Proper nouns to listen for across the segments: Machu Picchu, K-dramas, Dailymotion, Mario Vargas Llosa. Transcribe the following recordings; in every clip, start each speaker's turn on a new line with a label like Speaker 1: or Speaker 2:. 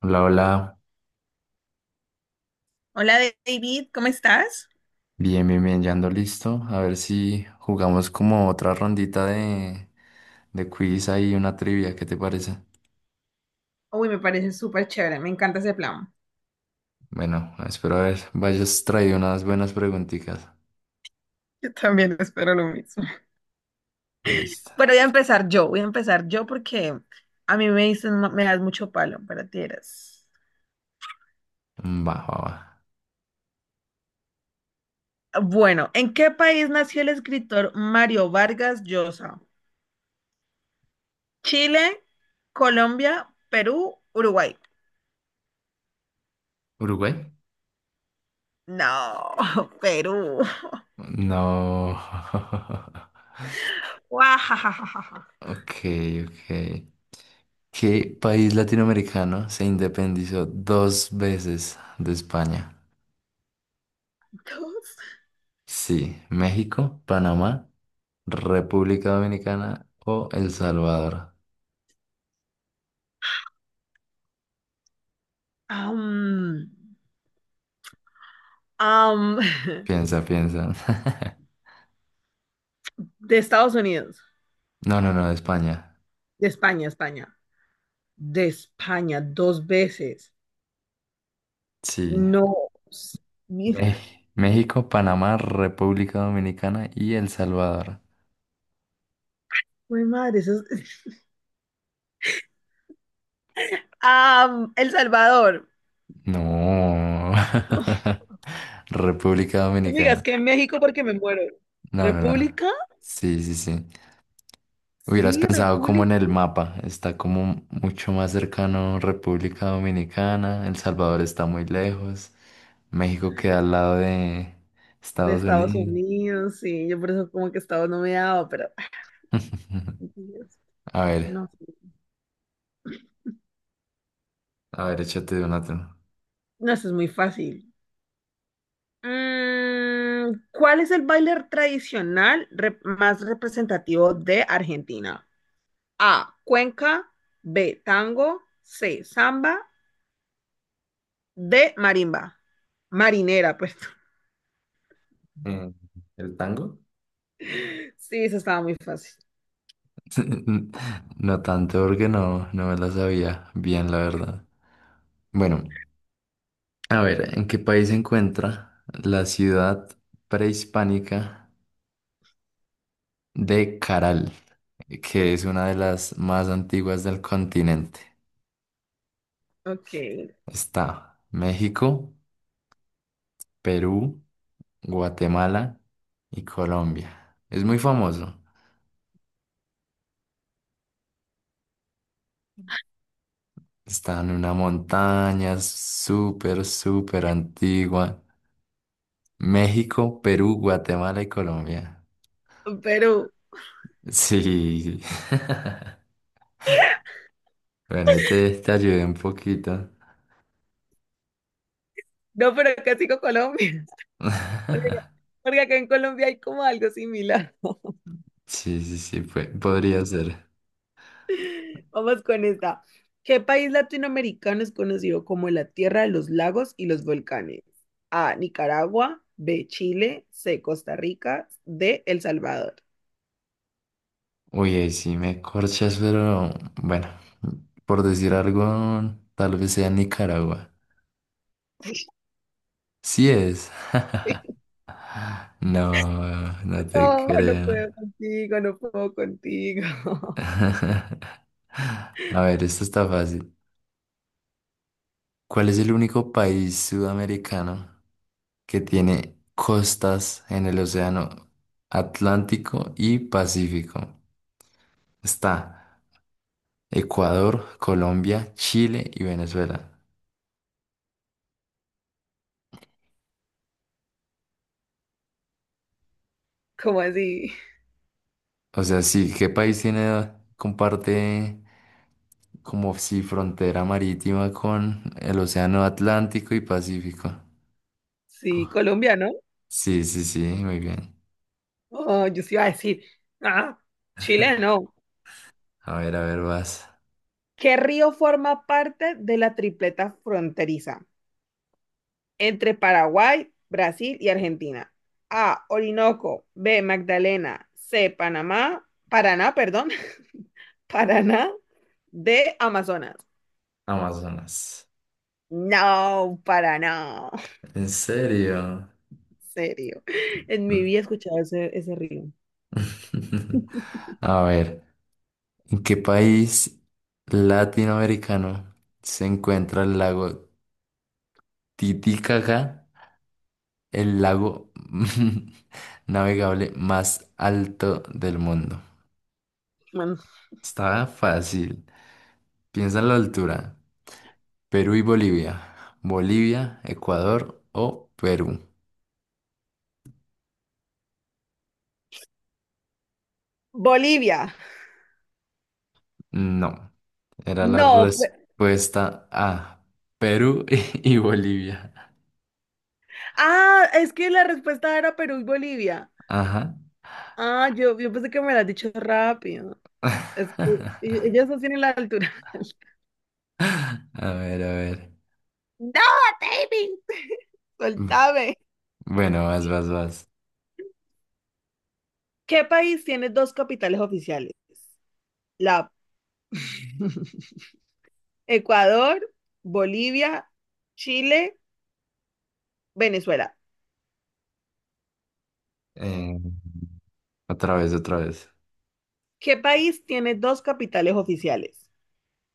Speaker 1: Hola, hola,
Speaker 2: Hola David, ¿cómo estás?
Speaker 1: bien, bien, bien, ya ando listo. A ver si jugamos como otra rondita de quiz ahí, una trivia, ¿qué te parece?
Speaker 2: Uy, me parece súper chévere, me encanta ese plan.
Speaker 1: Bueno, espero a ver, vayas traído unas buenas preguntitas.
Speaker 2: Yo también espero lo mismo.
Speaker 1: Listo.
Speaker 2: Bueno, voy a empezar yo porque a mí me dicen, "Ma- me das mucho palo, pero tienes.
Speaker 1: Va, va, va.
Speaker 2: Bueno, ¿en qué país nació el escritor Mario Vargas Llosa? Chile, Colombia, Perú, Uruguay.
Speaker 1: ¿Uruguay?
Speaker 2: No, Perú.
Speaker 1: No.
Speaker 2: Guajajajaja.
Speaker 1: Ok, ok. ¿Qué país latinoamericano se independizó dos veces de España?
Speaker 2: Dos.
Speaker 1: Sí, México, Panamá, República Dominicana o El Salvador.
Speaker 2: Am, am,
Speaker 1: Piensa, piensa.
Speaker 2: de Estados Unidos,
Speaker 1: No, no, no, España.
Speaker 2: de España, España. De España dos veces.
Speaker 1: Sí.
Speaker 2: No, mil
Speaker 1: Me- México, Panamá, República Dominicana y El Salvador.
Speaker 2: jue madre, eso es- Ah, El Salvador.
Speaker 1: No.
Speaker 2: No,
Speaker 1: República
Speaker 2: no me digas
Speaker 1: Dominicana.
Speaker 2: que en México porque me muero.
Speaker 1: No, no, no.
Speaker 2: ¿República?
Speaker 1: Sí, sí, sí. Hubieras
Speaker 2: Sí,
Speaker 1: pensado como en el
Speaker 2: República
Speaker 1: mapa, está como mucho más cercano República Dominicana, El Salvador está muy lejos, México queda al lado de
Speaker 2: de
Speaker 1: Estados
Speaker 2: Estados
Speaker 1: Unidos.
Speaker 2: Unidos, sí, yo por eso como que Estados no me daba, pero ay, Dios,
Speaker 1: A ver,
Speaker 2: no, sí.
Speaker 1: a ver, échate una tú.
Speaker 2: No, eso es muy fácil. Mm, ¿cuál es el baile tradicional re- más representativo de Argentina? A, cuenca, B, tango, C, samba de marimba. Marinera, pues.
Speaker 1: Eh, ¿El tango?
Speaker 2: Sí, eso estaba muy fácil.
Speaker 1: No tanto porque no me la sabía bien, la verdad. Bueno, a ver, ¿en qué país se encuentra la ciudad prehispánica de Caral, que es una de las más antiguas del continente?
Speaker 2: Ok.
Speaker 1: Está México, Perú, Guatemala y Colombia. Es muy famoso. Está en una montaña súper, súper antigua. México, Perú, Guatemala y Colombia.
Speaker 2: Perú.
Speaker 1: Sí. Bueno, ahí te ayudé un poquito.
Speaker 2: No, pero casi con Colombia. Porque, porque acá en Colombia hay como algo similar.
Speaker 1: Sí, sí, sí, podría ser.
Speaker 2: Vamos con esta. ¿Qué país latinoamericano es conocido como la tierra de los lagos y los volcanes? A, Nicaragua. B, Chile. C, Costa Rica. D, El Salvador.
Speaker 1: Uy, ahí sí me corchas, pero bueno, por decir algo, tal vez sea Nicaragua. Sí es. No, no te
Speaker 2: No, no
Speaker 1: creo.
Speaker 2: puedo contigo, no puedo contigo.
Speaker 1: A ver, esto está fácil. ¿Cuál es el único país sudamericano que tiene costas en el océano Atlántico y Pacífico? Está Ecuador, Colombia, Chile y Venezuela.
Speaker 2: ¿Cómo así?
Speaker 1: O sea, sí, ¿qué país tiene, comparte como si frontera marítima con el Océano Atlántico y Pacífico?
Speaker 2: Sí,
Speaker 1: Co-
Speaker 2: Colombia, ¿no?
Speaker 1: Sí, sí, sí, muy bien.
Speaker 2: Oh, yo sí iba a decir, ah, Chile no.
Speaker 1: A ver, vas.
Speaker 2: ¿Qué río forma parte de la tripleta fronteriza entre Paraguay, Brasil y Argentina? A, Orinoco, B, Magdalena, C, Panamá, Paraná, perdón, Paraná, D, Amazonas.
Speaker 1: Amazonas.
Speaker 2: No, Paraná.
Speaker 1: ¿En serio?
Speaker 2: En serio. En mi
Speaker 1: Mm.
Speaker 2: vida he escuchado ese río.
Speaker 1: A ver, ¿en qué país latinoamericano se encuentra el lago Titicaca, el lago navegable más alto del mundo?
Speaker 2: Bueno,
Speaker 1: Estaba fácil. Piensa en la altura. Perú y Bolivia. Bolivia, Ecuador o Perú.
Speaker 2: Bolivia.
Speaker 1: No, era la
Speaker 2: No. Pe-
Speaker 1: respuesta A. Perú y Bolivia.
Speaker 2: ah, es que la respuesta era Perú y Bolivia.
Speaker 1: Ajá.
Speaker 2: Ah, yo pensé que me lo has dicho rápido. Es que e- ellas no tienen la altura.
Speaker 1: A ver, a ver.
Speaker 2: No, David, soltame.
Speaker 1: Bueno, vas, vas, vas.
Speaker 2: ¿Qué país tiene dos capitales oficiales? La Ecuador, Bolivia, Chile, Venezuela.
Speaker 1: Eh, otra vez, otra vez.
Speaker 2: ¿Qué país tiene dos capitales oficiales?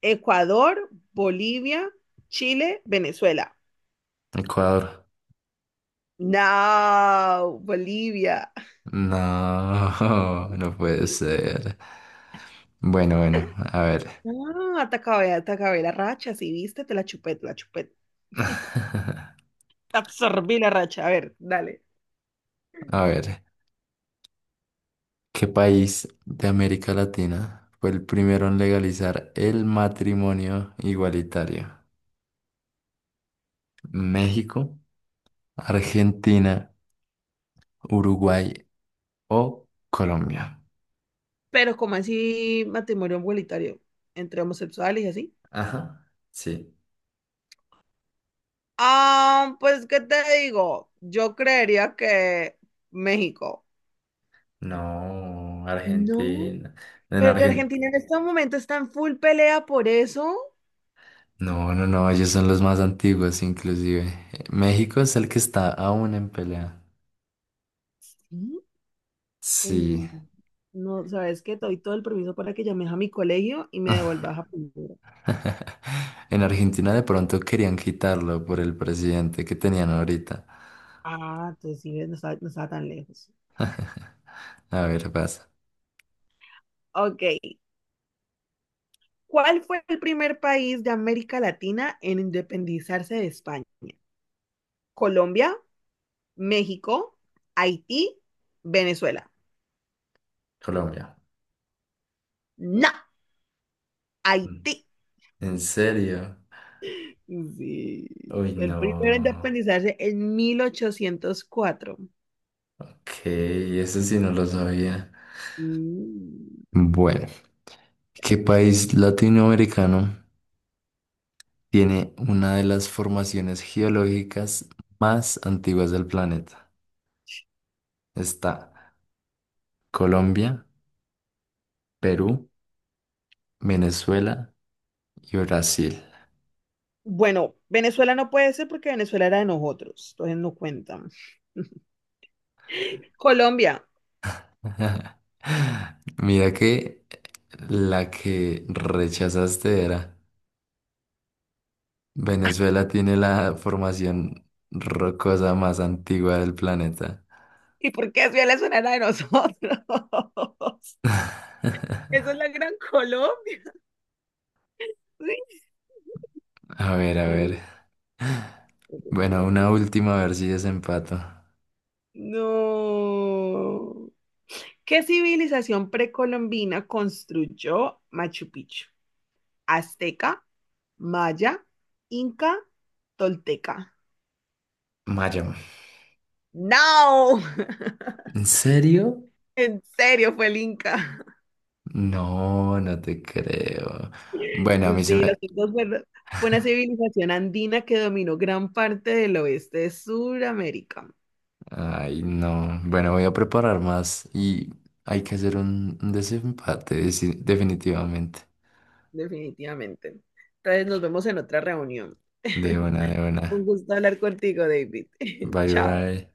Speaker 2: Ecuador, Bolivia, Chile, Venezuela.
Speaker 1: Ecuador.
Speaker 2: No, Bolivia.
Speaker 1: No, no puede ser. Bueno, bueno, a ver.
Speaker 2: Ah, te acabé la racha, sí, viste, te la chupé. Te absorbí la racha, a ver, dale.
Speaker 1: A ver. ¿Qué país de América Latina fue el primero en legalizar el matrimonio igualitario? ¿México, Argentina, Uruguay o Colombia?
Speaker 2: Pero como así matrimonio igualitario entre homosexuales y así.
Speaker 1: Ajá, sí.
Speaker 2: Ah, pues, ¿qué te digo? Yo creería que México.
Speaker 1: No,
Speaker 2: No,
Speaker 1: Argentina. En
Speaker 2: pero
Speaker 1: Argentina.
Speaker 2: Argentina en este momento está en full pelea por eso.
Speaker 1: No, no, no, ellos son los más antiguos, inclusive. México es el que está aún en pelea.
Speaker 2: Sí. Uy,
Speaker 1: Sí.
Speaker 2: no. No, ¿sabes qué? Te doy todo el permiso para que llames a mi colegio y me devuelvas a primero.
Speaker 1: En Argentina de pronto querían quitarlo por el presidente que tenían ahorita.
Speaker 2: Ah, entonces sí, ves, no estaba tan lejos.
Speaker 1: A ver, pasa.
Speaker 2: Ok, ¿cuál fue el primer país de América Latina en independizarse de España? Colombia, México, Haití, Venezuela.
Speaker 1: Colombia.
Speaker 2: No, Haití.
Speaker 1: ¿En serio?
Speaker 2: Sí,
Speaker 1: Uy,
Speaker 2: fue el primero en
Speaker 1: no.
Speaker 2: independizarse en 1804.
Speaker 1: Ok, eso sí no lo sabía.
Speaker 2: Mm.
Speaker 1: Bueno, ¿qué país latinoamericano tiene una de las formaciones geológicas más antiguas del planeta? Está Colombia, Perú, Venezuela y Brasil.
Speaker 2: Bueno, Venezuela no puede ser porque Venezuela era de nosotros, entonces no cuentan. Colombia.
Speaker 1: Mira que la que rechazaste era Venezuela, tiene la formación rocosa más antigua del planeta.
Speaker 2: ¿Y por qué si Venezuela era de nosotros? Eso es la Gran Colombia.
Speaker 1: A ver, a ver. Bueno, una
Speaker 2: Sí.
Speaker 1: última, a ver si desempato.
Speaker 2: No. ¿Qué civilización precolombina construyó Machu Picchu? ¿Azteca, maya, inca, tolteca?
Speaker 1: Mayo.
Speaker 2: No.
Speaker 1: ¿En serio?
Speaker 2: En serio, fue el inca.
Speaker 1: No, no te creo. Bueno, a mí se
Speaker 2: Sí,
Speaker 1: me...
Speaker 2: los incas fueron- fue una civilización andina que dominó gran parte del oeste de Sudamérica,
Speaker 1: Ay, no. Bueno, voy a preparar más y hay que hacer un desempate, definitivamente.
Speaker 2: definitivamente. Entonces nos vemos en otra reunión.
Speaker 1: De una, de
Speaker 2: Un
Speaker 1: una.
Speaker 2: gusto hablar contigo, David.
Speaker 1: Bye,
Speaker 2: Chao.
Speaker 1: bye.